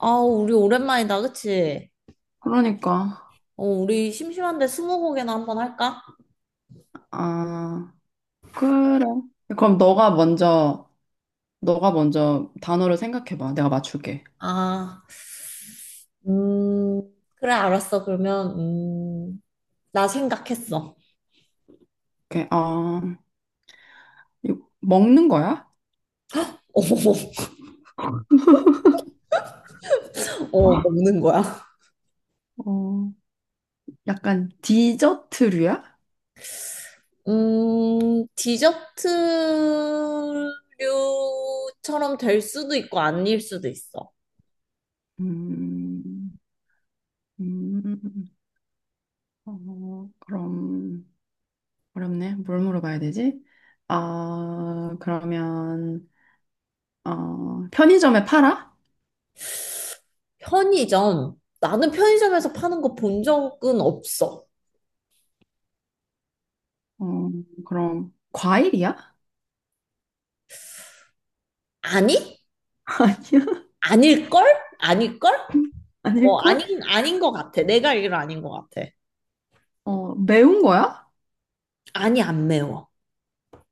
아, 우리 오랜만이다, 그치? 그러니까. 어, 우리 심심한데 스무고개나 한번 할까? 아 그래. 그럼 너가 먼저 단어를 생각해봐. 내가 맞출게. 아, 음, 그래, 알았어. 그러면, 나 생각했어. 이렇게 이거 먹는 거야? 먹는 거야. 어, 약간 디저트류야? 디저트류처럼 될 수도 있고, 아닐 수도 있어. 음, 음, 그럼 어렵네. 뭘 물어봐야 되지? 아, 그러면 편의점에 팔아? 편의점. 나는 편의점에서 파는 거 본 적은 없어. 어, 그럼 과일이야? 아니? 아닐걸? 아닐걸? 아니야? 어, 아닐걸? 아닌 것 같아. 내가 알기로 아닌 것 같아. 매운 거야? 아니, 안 매워.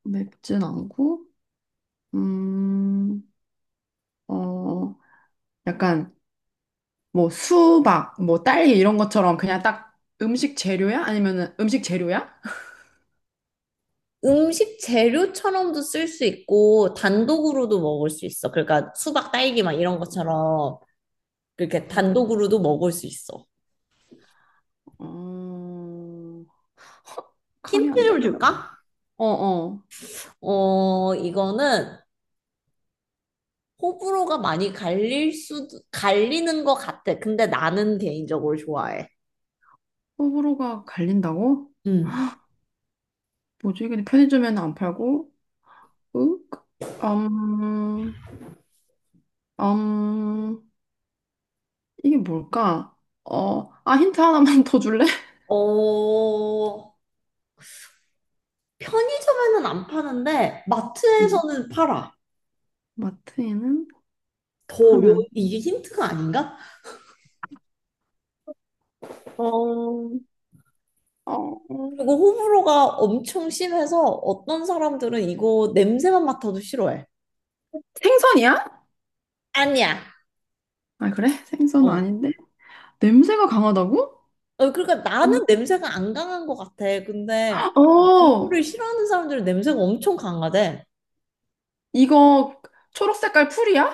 맵진 않고, 음, 어, 약간 뭐 수박, 뭐 딸기 이런 것처럼 그냥 딱 음식 재료야? 아니면은 음식 재료야? 음식 재료처럼도 쓸 수 있고, 단독으로도 먹을 수 있어. 그러니까 수박, 딸기 막 이런 것처럼, 그렇게 아, 단독으로도 먹을 수 있어. 어, 감이 힌트 안 좀 잡혀. 줄까? 어, 어. 어, 이거는 호불호가 많이 갈릴 수 갈리는 것 같아. 근데 나는 개인적으로 좋아해. 호불호가 갈린다고? 음. 뭐지? 근데 편의점에는 안 팔고, 윽? 음, 음, 이게 뭘까? 힌트 하나만 더 줄래? 어, 편의점에는 안 파는데, 음, 마트에서는 팔아. 마트에는 더 어려워. 파는. 이게 힌트가 아닌가? 어, 어, 그리고 호불호가 엄청 심해서 어떤 사람들은 이거 냄새만 맡아도 싫어해. 생선이야? 아니야. 아, 그래? 생선 어. 아닌데? 냄새가 강하다고? 어, 그러니까 음. 나는 냄새가 안 강한 것 같아. 근데 이거를 어, 싫어하는 사람들은 냄새가 엄청 강하대. 이거 초록 색깔 풀이야?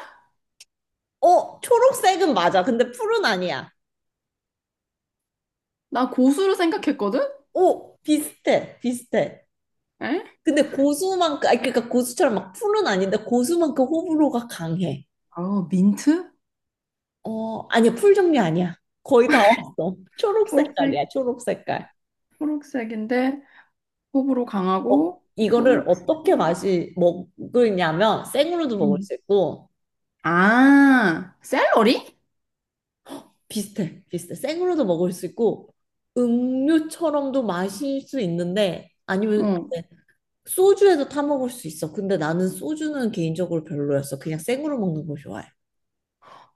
어, 초록색은 맞아. 근데 푸른 아니야. 나 고수를 생각했거든? 오, 비슷해. 비슷해. 에? 근데 고수만큼, 아니, 그러니까 고수처럼 막 풀은 아닌데 고수만큼 호불호가 강해. 어, 민트? 어, 아니야. 풀 종류 아니야. 거의 다 왔어. 초록 초록색, 색깔이야. 초록 색깔. 초록색인데 호불호 어, 강하고 이거를 초록, 어떻게 맛이 먹느냐면 생으로도 먹을 음. 수 있고 아, 샐러리? 비슷해. 생으로도 먹을 수 있고 음료처럼도 마실 수 있는데 아니면 어, 소주에도 타 먹을 수 있어. 근데 나는 소주는 개인적으로 별로였어. 그냥 생으로 먹는 거 좋아해.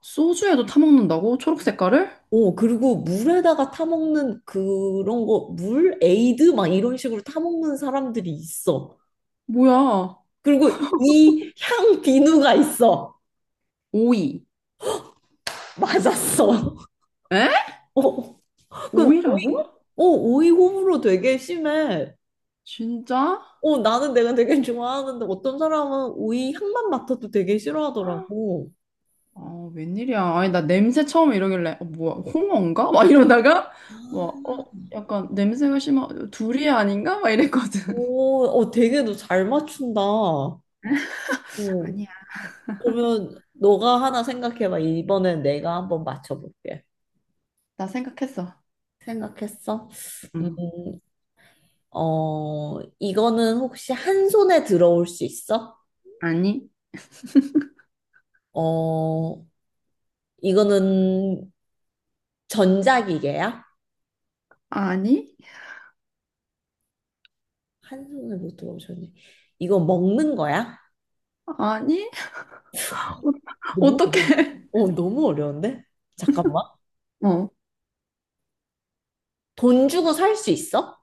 소주에도 타먹는다고? 초록 색깔을? 오, 그리고 물에다가 타 먹는 그런 거, 물 에이드 막 이런 식으로 타 먹는 사람들이 있어. 뭐야, 그리고 이 향 비누가 있어. 오이. 맞았어. 에? 어. 그 오이라고? 오이, 어, 오이 호불호 되게 심해. 진짜? 어, 나는 내가 되게 좋아하는데 어떤 사람은 오이 향만 맡아도 되게 싫어하더라고. 아, 웬일이야. 아니, 나 냄새 처음에 이러길래, 홍어인가? 막 이러다가, 약간 냄새가 심하, 둘이 아닌가? 막 이랬거든. 오, 어, 되게 너 잘 맞춘다. 어, 아니야. 그러면 너가 하나 생각해봐. 이번엔 내가 한번 맞춰볼게. 나 생각했어. 생각했어? 음, 응. 어, 이거는 혹시 한 손에 들어올 수 있어? 아니? 어, 이거는 전자기계야? 아니? 한 손을 못 들어오셨네. 이거 먹는 거야? 아니? 어, 너무 어떻게? 어려운데? 잠깐만. 어. 돈 주고 살 수 있어?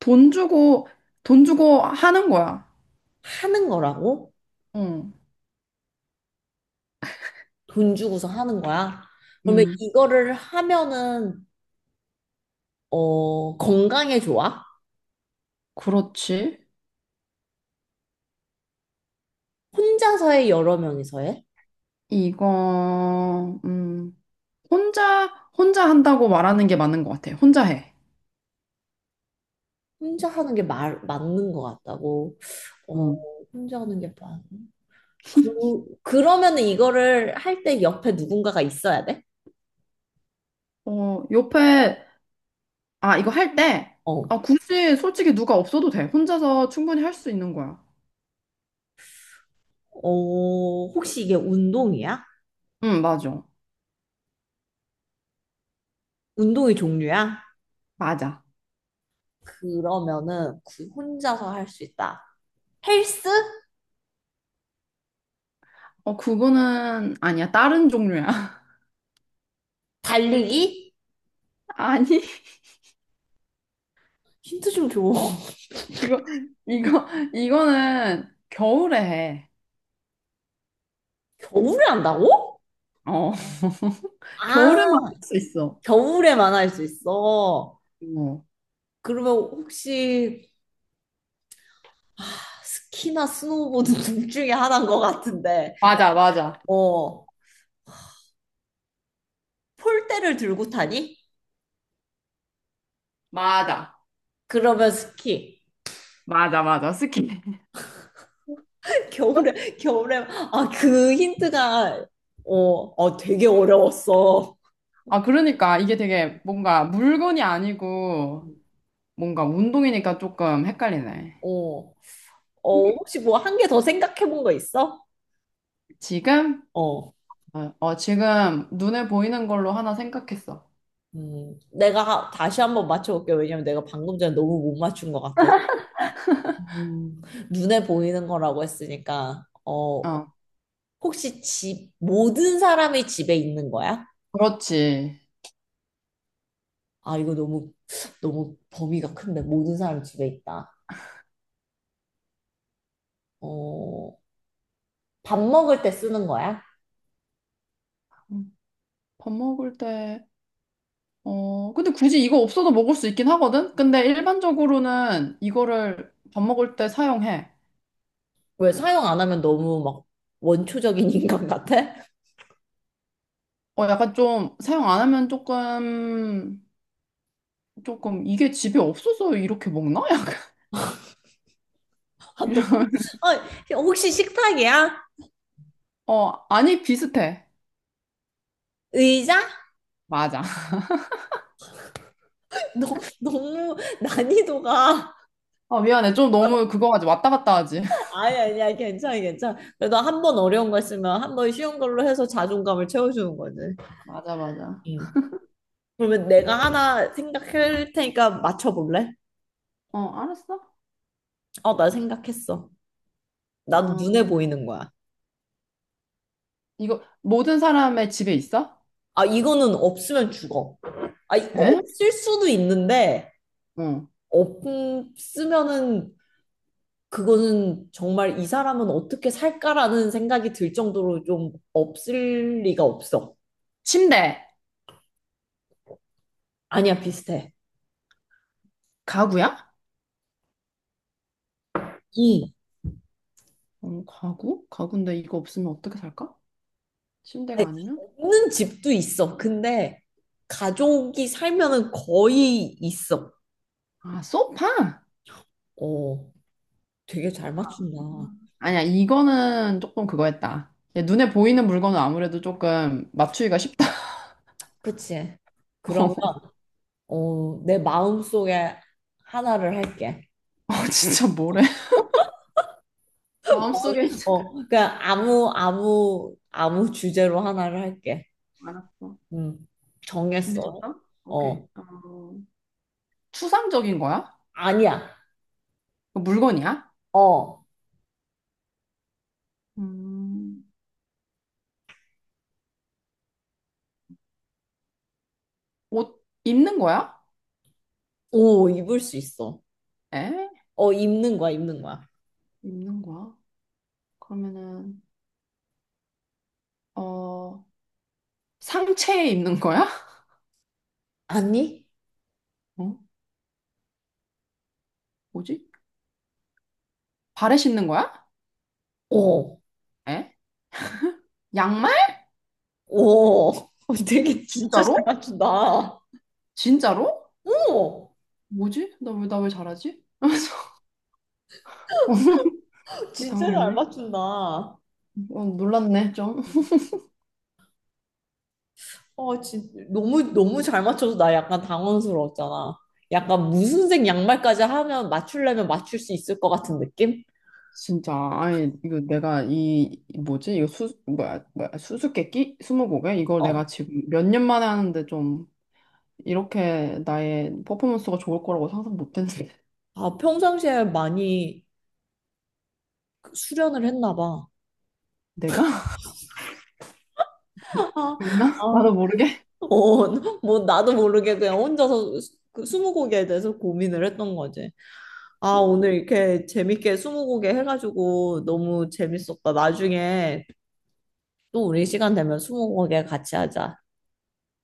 돈 주고, 돈 주고 하는 거야. 하는 거라고? 응. 돈 주고서 하는 거야? 그러면 음, 이거를 하면은 어, 건강에 좋아? 그렇지. 혼자서 해, 여러 명이서 해? 이거, 음, 혼자, 혼자 한다고 말하는 게 맞는 것 같아. 혼자 해. 혼자 하는 게 말, 맞는 것 같다고. 어, 음. 혼자 하는 게 맞. 그, 그러면은 이거를 할 때 옆에 누군가가 있어야 돼? 어, 옆에 아, 이거 할 때, 어. 아, 굳이 솔직히 누가 없어도 돼. 혼자서 충분히 할 수 있는 거야. 어, 혹시 이게 운동이야? 응, 맞아. 운동의 종류야? 맞아. 그러면은 그 혼자서 할 수 있다. 헬스? 어, 그거는 아니야. 다른 종류야. 달리기? 아니, 힌트 좀 줘. 이거, 이거, 이거는 겨울에 해. 겨울에 한다고? 어, 겨울에만 할 아, 수 있어. 겨울에만 할 수 있어. 어. 그러면 혹시 스키나 스노보드 둘 중에 하나인 것 같은데, 맞아, 맞아. 어, 폴대를 들고 타니? 맞아. 그러면 스키. 맞아, 맞아. 스키. 겨울에, 아, 그 힌트가, 어, 어, 되게 어려웠어. 아, 그러니까 이게 되게 뭔가 물건이 아니고 뭔가 운동이니까 조금 헷갈리네. 어, 어, 혹시 뭐 한 개 더 생각해 본 거 있어? 지금? 어. 지금 눈에 보이는 걸로 하나 생각했어. 내가 다시 한번 맞춰볼게. 요 왜냐면 내가 방금 전에 너무 못 맞춘 것 같아서. 음, 눈에 보이는 거라고 했으니까, 어, 어, 혹시 집, 모든 사람이 집에 있는 거야? 그렇지. 아, 이거 너무 범위가 큰데, 모든 사람이 집에 있다. 어, 밥 먹을 때 쓰는 거야? 음, 밥 먹을 때, 어, 근데 굳이 이거 없어도 먹을 수 있긴 하거든? 근데 일반적으로는 이거를 밥 먹을 때 사용해. 왜 사용 안 하면 너무 막 원초적인 인간 같아? 약간 좀 사용 안 하면 조금, 조금 이게 집에 없어서 이렇게 먹나? 약간. 아, 너무, 이런. 아, 혹시 식탁이야? 어, 아니, 비슷해. 의자? 맞아. 너, 너무 난이도가 어, 미안해. 좀 너무 그거 하지. 왔다 갔다 하지. 아니 아니야, 괜찮아 괜찮아. 그래도 한 번 어려운 거 있으면 한 번 쉬운 걸로 해서 자존감을 채워주는 거지. 맞아, 맞아. 응. 그러면 내가 하나 생각할 테니까 맞춰볼래? 어, 알았어. 어, 나 생각했어. 난 음, 눈에 보이는 거야. 이거 모든 사람의 집에 있어? 아, 이거는 없으면 죽어. 아, 에? 없을 수도 있는데 어. 없으면은 그거는 정말 이 사람은 어떻게 살까라는 생각이 들 정도로 좀 없을 리가 없어. 침대. 아니야, 비슷해. 가구야? 응. 어, 가구? 가구인데 이거 없으면 어떻게 살까? 아니, 침대가 아니면? 없는 집도 있어. 근데 가족이 살면은 거의 있어. 아, 소파? 어, 되게 잘 맞춘다. 음. 아니야, 이거는 조금 그거였다. 얘 눈에 보이는 물건은 아무래도 조금 맞추기가 쉽다. 그치? 그러면 어, 내 마음속에 하나를 할게. 어, 진짜 뭐래? 어, 마음속에 있는 어, 그냥 아무 주제로 하나를 할게. 거 알았어. 음, 준비됐어? 정했어. 오케이. 어, 어, 추상적인 거야? 아니야. 그 물건이야? 어, 음, 옷 입는 거야? 오, 입을 수 있어. 에? 어, 입는 거야. 입는 거야? 그러면은, 어, 상체에 입는 거야? 아니? 어? 뭐지? 발에 신는 거야? 어, 에? 양말? 오, 되게 진짜 잘 진짜로? 맞춘다. 진짜로? 오! 뭐지? 나 왜, 나 왜 잘하지? 진짜 잘 당황했네. 맞춘다. 어, 놀랐네, 좀. 어, 진, 너무 잘 맞춰서 나 약간 당황스러웠잖아. 약간 무슨 색 양말까지 하면 맞추려면 맞출 수 있을 것 같은 느낌? 진짜, 아니, 이거 내가 이, 이 뭐지? 이거 수, 뭐야, 뭐야, 수수께끼? 스무고개? 이걸 내가 어. 지금 몇 년 만에 하는데 좀, 이렇게 나의 퍼포먼스가 좋을 거라고 상상 못 했는데. 아, 평상시에 많이 그 수련을 했나 봐. 내가? 아, 그랬나? 아, 나도 모르게? 어, 뭐, 나도 모르게 그냥 혼자서 그 스무고개에 대해서 고민을 했던 거지. 아, 오늘 이렇게 재밌게 스무고개 해가지고 너무 재밌었다. 나중에 또 우리 시간 되면 스무고개 같이 하자.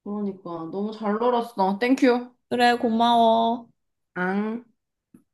그러니까, 너무 잘 놀았어. 땡큐. 그래, 고마워. 앙.